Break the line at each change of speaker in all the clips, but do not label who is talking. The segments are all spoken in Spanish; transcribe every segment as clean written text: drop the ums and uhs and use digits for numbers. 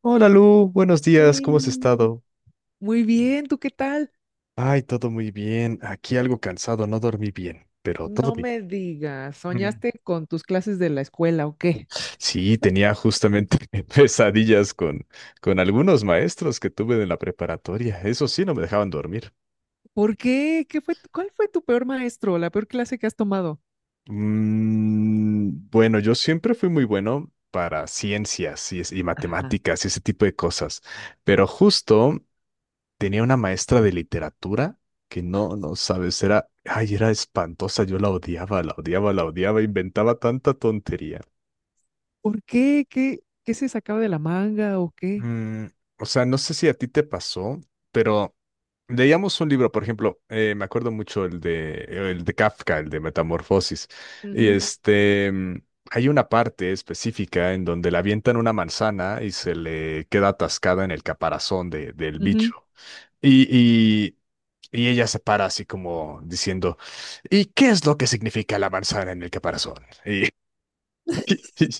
Hola Lu, buenos días, ¿cómo has
Sí.
estado?
Muy bien, ¿tú qué tal?
Ay, todo muy bien. Aquí algo cansado, no dormí bien, pero todo
No
bien.
me digas,
Mm.
¿soñaste con tus clases de la escuela o qué?
Sí, tenía justamente pesadillas con algunos maestros que tuve en la preparatoria. Eso sí, no me dejaban dormir.
¿Por qué? ¿Qué fue cuál fue tu peor maestro, la peor clase que has tomado?
Mm, bueno, yo siempre fui muy bueno para ciencias y
Ajá.
matemáticas y ese tipo de cosas, pero justo tenía una maestra de literatura que no, no sabes, era, ay, era espantosa, yo la odiaba, la odiaba, la odiaba, inventaba tanta tontería.
¿Por qué? ¿Qué se sacaba de la manga o qué?
Mm, o sea, no sé si a ti te pasó, pero leíamos un libro, por ejemplo, me acuerdo mucho el de Kafka, el de Metamorfosis, y
Ujú,
hay una parte específica en donde le avientan una manzana y se le queda atascada en el caparazón del
ujú.
bicho. Y, y, y ella se para así como diciendo, ¿y qué es lo que significa la manzana en el caparazón? Y, y,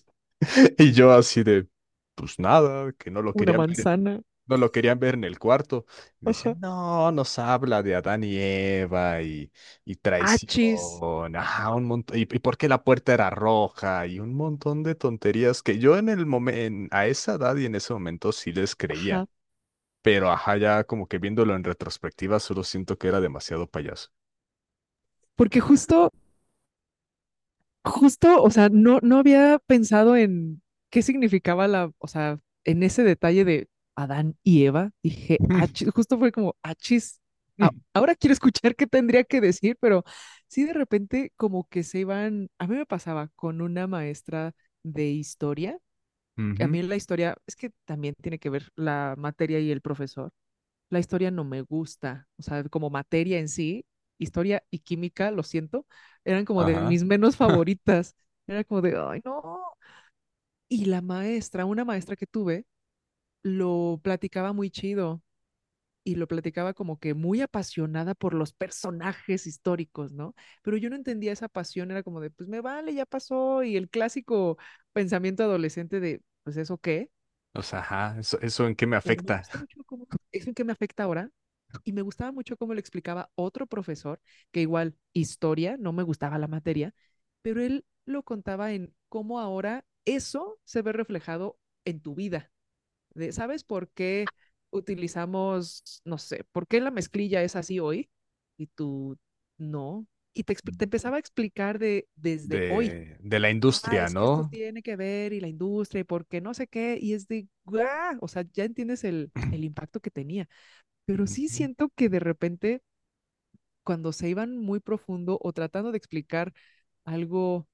y yo así de, pues nada, que no lo
Una
querían ver,
manzana.
no lo querían ver en el cuarto. Y
Ajá.
decían, no, nos habla de Adán y Eva y
Achis.
traición, ajá, un montón, y por qué la puerta era roja y un montón de tonterías que yo en el momento, a esa edad y en ese momento sí les creía,
Ajá.
pero ajá, ya como que viéndolo en retrospectiva, solo siento que era demasiado payaso.
Porque justo Justo, o sea, no, no había pensado en qué significaba la, o sea, en ese detalle de Adán y Eva, dije, "Ach-", justo fue como, achis, ahora quiero escuchar qué tendría que decir, pero sí de repente como que se iban, a mí me pasaba con una maestra de historia, a
Ujú.
mí la historia, es que también tiene que ver la materia y el profesor, la historia no me gusta, o sea, como materia en sí, historia y química, lo siento, eran como de
Ajá.
mis menos favoritas. Era como de, ay, no. Y la maestra, una maestra que tuve, lo platicaba muy chido y lo platicaba como que muy apasionada por los personajes históricos, ¿no? Pero yo no entendía esa pasión, era como de, pues me vale, ya pasó, y el clásico pensamiento adolescente de, pues eso qué,
O sea, ajá, eso en qué me
pero me
afecta
gustó mucho cómo, es lo que me afecta ahora, y me gustaba mucho cómo lo explicaba otro profesor, que igual historia, no me gustaba la materia, pero él lo contaba en cómo ahora eso se ve reflejado en tu vida. De, ¿sabes por qué utilizamos, no sé, por qué la mezclilla es así hoy? Y tú, no. Y te, te empezaba a explicar de desde hoy,
de la
ah,
industria,
es que esto
¿no?
tiene que ver y la industria y por qué no sé qué, y es de, ¡guau! O sea, ya entiendes el impacto que tenía, pero sí
Ujú.
siento que de repente cuando se iban muy profundo o tratando de explicar algo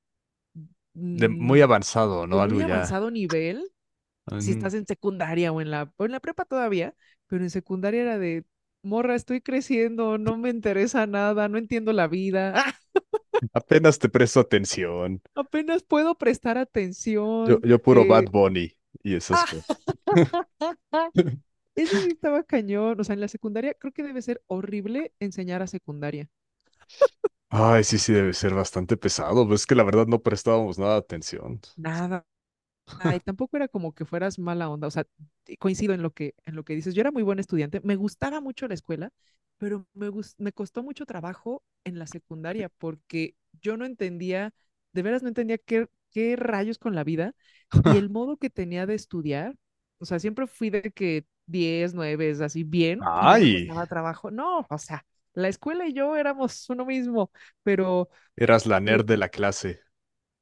De muy
mm,
avanzado,
de
¿no? Algo
muy
ya.
avanzado nivel, si
Ujú.
estás en secundaria o en la prepa todavía, pero en secundaria era de, morra, estoy creciendo, no me interesa nada, no entiendo la vida,
Apenas te presto atención.
apenas puedo prestar
Yo,
atención,
yo puro
eh,
Bad Bunny y esas cosas.
eso sí estaba cañón. O sea, en la secundaria creo que debe ser horrible enseñar a secundaria.
Ay, sí, sí, debe ser bastante pesado. Pues es que la verdad no prestábamos nada de atención.
Nada. Ay, tampoco era como que fueras mala onda, o sea, coincido en lo que dices. Yo era muy buen estudiante, me gustaba mucho la escuela, pero me, me costó mucho trabajo en la secundaria porque yo no entendía, de veras no entendía qué rayos con la vida y el modo que tenía de estudiar, o sea, siempre fui de que 10 9, es así bien y no me
Ay,
costaba trabajo. No, o sea, la escuela y yo éramos uno mismo, pero...
eras la
eh,
nerd de la clase.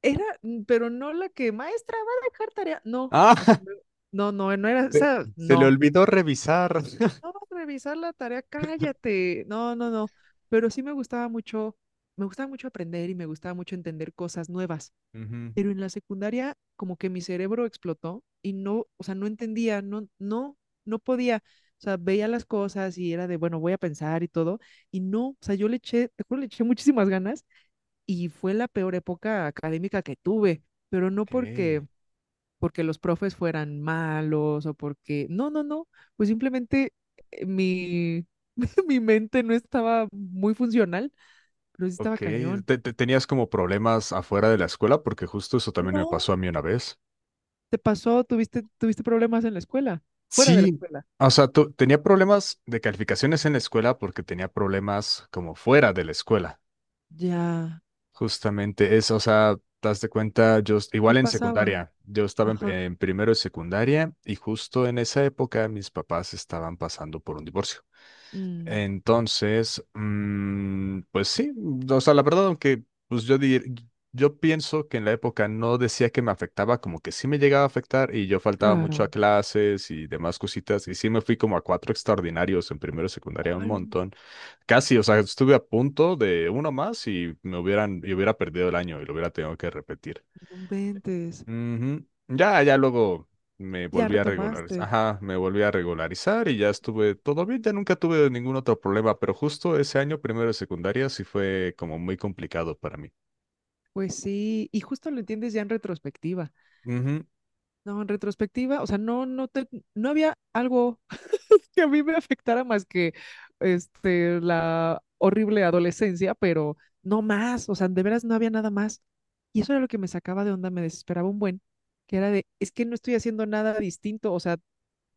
era, pero no la que, maestra, va a dejar tarea. No,
Ah,
o sea, no, no, no era, o
Se,
sea,
se le
no.
olvidó revisar.
No vas a revisar la tarea, cállate. No, no, no. Pero sí me gustaba mucho aprender y me gustaba mucho entender cosas nuevas.
Ujú.
Pero en la secundaria, como que mi cerebro explotó y no, o sea, no entendía, no, no, no podía. O sea, veía las cosas y era de, bueno, voy a pensar y todo. Y no, o sea, yo le eché, te juro, le eché muchísimas ganas y fue la peor época académica que tuve, pero no
Ok,
porque los profes fueran malos o porque... No, no, no, pues simplemente mi, mi mente no estaba muy funcional, pero sí
ok.
estaba cañón.
¿Tenías como problemas afuera de la escuela? Porque justo eso también me
No,
pasó a mí una vez.
¿te pasó? ¿Tuviste, tuviste problemas en la escuela? Fuera de la
Sí,
escuela.
o sea, tenía problemas de calificaciones en la escuela porque tenía problemas como fuera de la escuela.
Ya,
Justamente eso, o sea, te das de cuenta,
¿qué
igual en
pasaba?
secundaria, yo estaba en,
Ajá.
en primero de secundaria y justo en esa época mis papás estaban pasando por un divorcio.
Mm,
Entonces, pues sí, o sea, la verdad, aunque pues yo pienso que en la época no decía que me afectaba, como que sí me llegaba a afectar y yo faltaba mucho
claro.
a clases y demás cositas y sí me fui como a cuatro extraordinarios en primero y secundaria un
Ay,
montón, casi, o sea, estuve a punto de uno más y me hubieran, y hubiera perdido el año y lo hubiera tenido que repetir.
no inventes.
Ujú. Ya, ya luego me
Ya
volví a regularizar.
retomaste.
Ajá, me volví a regularizar y ya estuve todo bien, ya nunca tuve ningún otro problema, pero justo ese año, primero de secundaria, sí fue como muy complicado para mí.
Pues sí, y justo lo entiendes ya en retrospectiva.
Ujú.
No, en retrospectiva, o sea, no, no te, no había algo que a mí me afectara más que este, la horrible adolescencia, pero no más, o sea, de veras no había nada más. Y eso era lo que me sacaba de onda, me desesperaba un buen, que era de, es que no estoy haciendo nada distinto, o sea,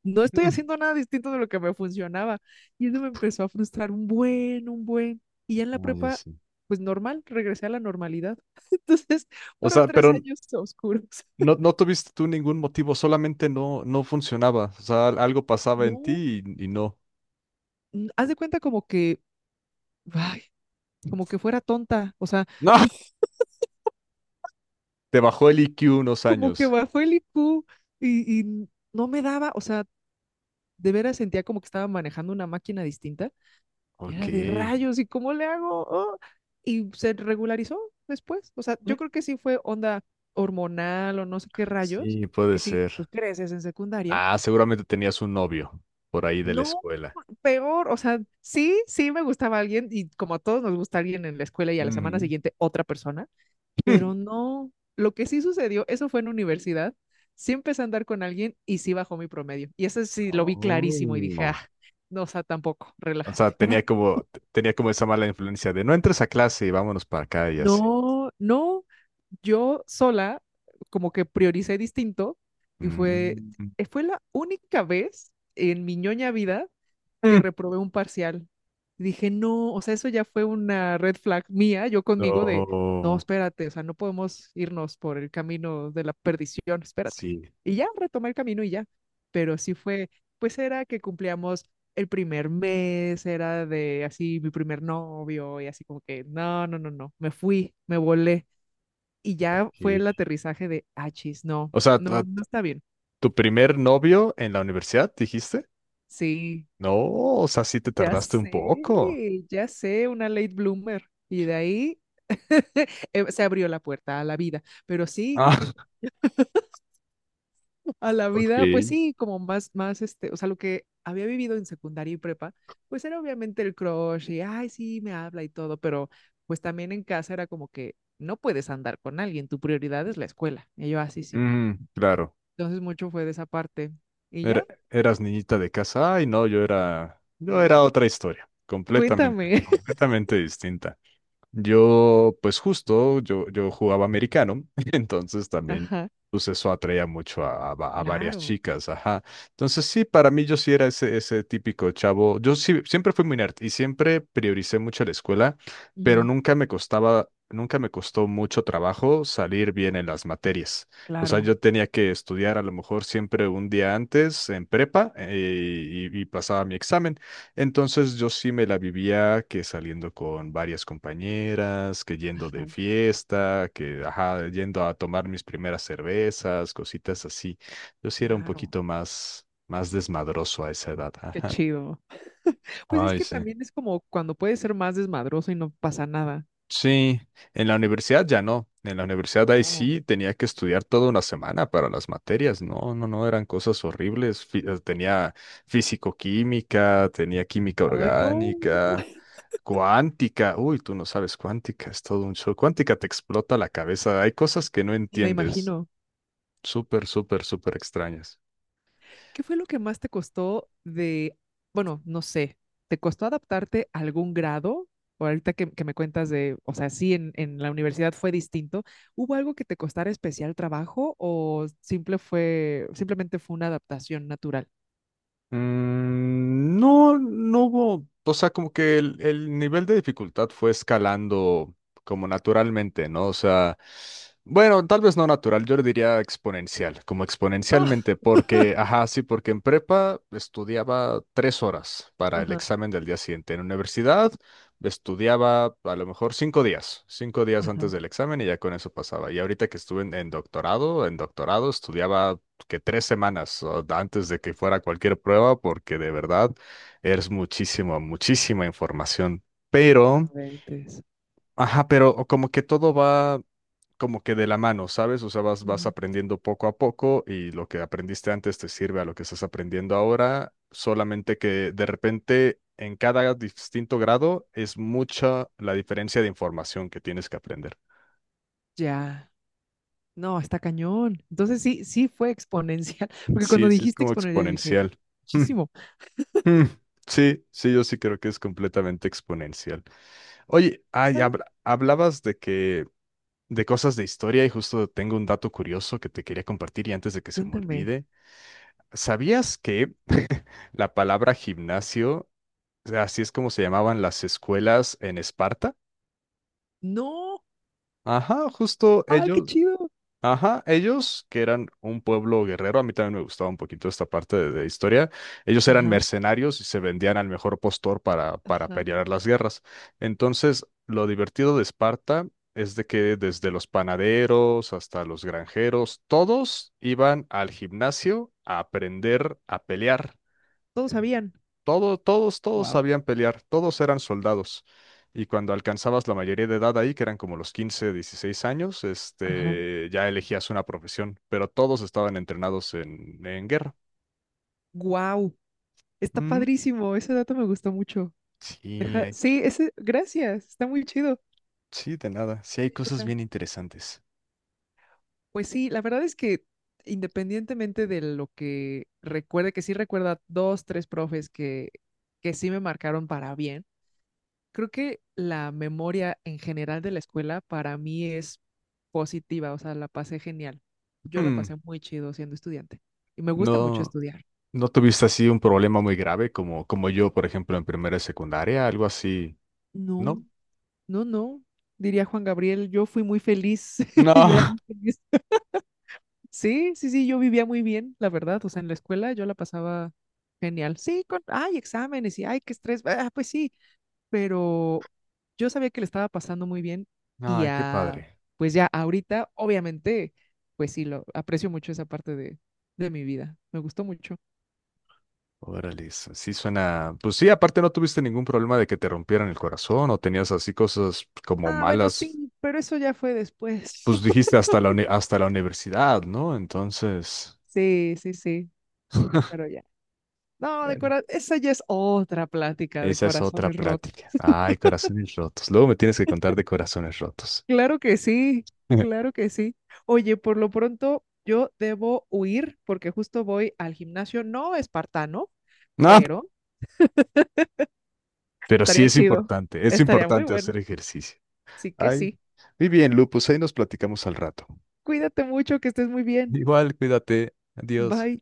no estoy
Mm.
haciendo nada distinto de lo que me funcionaba. Y eso me empezó a frustrar un buen, un buen. Y ya en la
Ah, ya
prepa,
sé.
pues normal, regresé a la normalidad. Entonces,
O
fueron
sea,
tres
pero
años oscuros.
no, no tuviste tú ningún motivo, solamente no, no funcionaba. O sea, algo pasaba en
No,
ti y no.
haz de cuenta como que, ay, como que fuera tonta, o sea,
No. Te bajó el IQ unos
como que
años.
bajó el IQ y no me daba, o sea, de veras sentía como que estaba manejando una máquina distinta. Y
Ok.
era de rayos, ¿y cómo le hago? Oh. Y se regularizó después. O sea,
Mm.
yo creo que sí fue onda hormonal o no sé qué rayos,
Sí, puede
que sí,
ser.
pues creces en secundaria.
Ah, seguramente tenías un novio por ahí de la
No,
escuela.
peor, o sea, sí, sí me gustaba alguien y como a todos nos gusta alguien en la escuela y a la semana
Ujú.
siguiente otra persona. Pero no, lo que sí sucedió, eso fue en universidad, sí empecé a andar con alguien y sí bajó mi promedio. Y eso sí lo vi clarísimo y dije, ah,
Oh.
no, o sea, tampoco,
O sea,
relájate.
tenía como, tenía como esa mala influencia de no entres a clase y vámonos para acá y así.
No, no, yo sola como que prioricé distinto y fue,
Mm.
fue la única vez en mi ñoña vida que
Mm.
reprobé un parcial. Y dije, no, o sea, eso ya fue una red flag mía, yo conmigo de, no,
No.
espérate, o sea, no podemos irnos por el camino de la perdición, espérate.
Sí,
Y ya retomé el camino y ya. Pero sí fue, pues era que cumplíamos el primer mes, era de así mi primer novio y así como que, no, no, no, no, me fui, me volé. Y ya
ok.
fue el aterrizaje de, ah, chis, no,
O sea, tu
no, no está bien.
tu primer novio en la universidad, ¿dijiste?
Sí.
No, o sea, sí te
Ya
tardaste un
sé,
poco.
ya sé, una late bloomer. Y de ahí se abrió la puerta a la vida. Pero sí, sí,
Ah,
a la
ok.
vida, pues sí, como más, más, este, o sea, lo que había vivido en secundaria y prepa, pues era obviamente el crush y, ay, sí, me habla y todo, pero pues también en casa era como que no puedes andar con alguien, tu prioridad es la escuela. Y yo, así, sí. Sí".
Mm, claro.
Entonces mucho fue de esa parte. Y
Era-
ya,
eras niñita de casa. Ay, no, yo era, yo
sí.
era otra historia, completamente,
Cuéntame.
completamente distinta. Yo, pues justo, yo jugaba americano, entonces también,
Ajá,
pues eso atraía mucho a varias
claro,
chicas, ajá. Entonces sí, para mí yo sí era ese típico chavo. Yo sí, siempre fui muy nerd y siempre prioricé mucho la escuela, pero
ujú,
nunca me costaba, nunca me costó mucho trabajo salir bien en las materias. O sea,
claro,
yo tenía que estudiar a lo mejor siempre un día antes en prepa y pasaba mi examen. Entonces yo sí me la vivía que saliendo con varias compañeras, que yendo
ajá,
de fiesta, que ajá, yendo a tomar mis primeras cervezas, cositas así. Yo sí era un
claro.
poquito más, más desmadroso a esa edad.
Qué
Ajá.
chido. Pues es
Ay,
que
sí.
también es como cuando puedes ser más desmadroso y no pasa nada.
Sí, en la universidad ya no. En la universidad ahí
No.
sí tenía que estudiar toda una semana para las materias. No, no, no, eran cosas horribles. Tenía físico-química, tenía química
Ay, no.
orgánica, cuántica. Uy, tú no sabes cuántica, es todo un show. Cuántica te explota la cabeza. Hay cosas que no
Y me
entiendes.
imagino,
Súper, súper, súper extrañas.
¿qué fue lo que más te costó de, bueno, no sé, ¿te costó adaptarte a algún grado? O ahorita que me cuentas de, o sea, sí, en la universidad fue distinto. ¿Hubo algo que te costara especial trabajo o simple fue, simplemente fue una adaptación natural?
No, no hubo, o sea, como que el nivel de dificultad fue escalando como naturalmente, ¿no? O sea, bueno, tal vez no natural, yo le diría exponencial, como
Ah,
exponencialmente, porque, ajá, sí, porque en prepa estudiaba 3 horas para el
ajá,
examen del día siguiente. En universidad estudiaba a lo mejor 5 días, 5 días
ajá.
antes del examen y ya con eso pasaba. Y ahorita que estuve en doctorado estudiaba que 3 semanas o antes de que fuera cualquier prueba, porque de verdad es muchísimo, muchísima información. Pero,
No inventes.
ajá, pero como que todo va como que de la mano, ¿sabes? O sea, vas
Ujú.
aprendiendo poco a poco y lo que aprendiste antes te sirve a lo que estás aprendiendo ahora, solamente que de repente en cada distinto grado es mucha la diferencia de información que tienes que aprender.
Ya. No, está cañón. Entonces sí, sí fue exponencial, porque cuando
Sí, sí, es
dijiste
como
exponencial dije,
exponencial.
muchísimo,
Mm, sí, sí, yo sí creo que es completamente exponencial. Oye, ay,
¿sabes?
hablabas de cosas de historia y justo tengo un dato curioso que te quería compartir y antes de que se me
Cuéntame.
olvide, ¿sabías que la palabra gimnasio, así es como se llamaban las escuelas en Esparta?
No,
Ajá, justo
ay, qué
ellos.
chido.
Ajá, ellos que eran un pueblo guerrero, a mí también me gustaba un poquito esta parte de historia, ellos eran
Ajá,
mercenarios y se vendían al mejor postor para
ajá.
pelear las guerras. Entonces, lo divertido de Esparta es de que desde los panaderos hasta los granjeros, todos iban al gimnasio a aprender a pelear.
Todos sabían.
Todos
Wow.
sabían pelear, todos eran soldados. Y cuando alcanzabas la mayoría de edad ahí, que eran como los 15, 16 años,
Ajá.
ya elegías una profesión, pero todos estaban entrenados en guerra.
Wow. Está
Ujú.
padrísimo, ese dato me gustó mucho.
Sí,
Ajá. Sí, ese, gracias, está muy chido.
sí, de nada. Sí, hay cosas
Ajá.
bien interesantes.
Pues sí, la verdad es que independientemente de lo que recuerde, que sí recuerda dos, tres profes que sí me marcaron para bien. Creo que la memoria en general de la escuela para mí es positiva, o sea, la pasé genial. Yo la
Hmm,
pasé muy chido siendo estudiante y me gusta mucho
No,
estudiar.
no tuviste así un problema muy grave como yo, por ejemplo, en primera y secundaria, algo así,
No,
¿no?
no, no, diría Juan Gabriel, yo fui muy feliz,
No.
yo era muy feliz. Sí, sí, sí, yo vivía muy bien, la verdad, o sea, en la escuela yo la pasaba genial. Sí, con, ay, exámenes y ay, qué estrés, ah, pues sí, pero yo sabía que le estaba pasando muy bien y
Ay, qué
a,
padre.
pues ya ahorita, obviamente, pues sí, lo aprecio mucho esa parte de mi vida. Me gustó mucho.
Órale, eso sí suena. Pues sí, aparte no tuviste ningún problema de que te rompieran el corazón o tenías así cosas como
Ah, bueno,
malas.
sí, pero eso ya fue después.
Pues dijiste hasta la universidad, ¿no? Entonces.
Sí, sí, sí, pero ya. No, de
Bueno,
corazón, esa ya es otra plática de
esa es otra
corazones rotos.
plática. Ay, corazones rotos. Luego me tienes que contar de corazones rotos.
Claro que sí, claro que sí. Oye, por lo pronto yo debo huir porque justo voy al gimnasio, no espartano,
No,
pero
pero sí
estaría chido,
es
estaría muy
importante
bueno.
hacer ejercicio.
Sí que
Ay.
sí.
Muy bien, Lu, pues ahí nos platicamos al rato.
Cuídate mucho, que estés muy bien.
Igual, cuídate. Adiós.
Bye.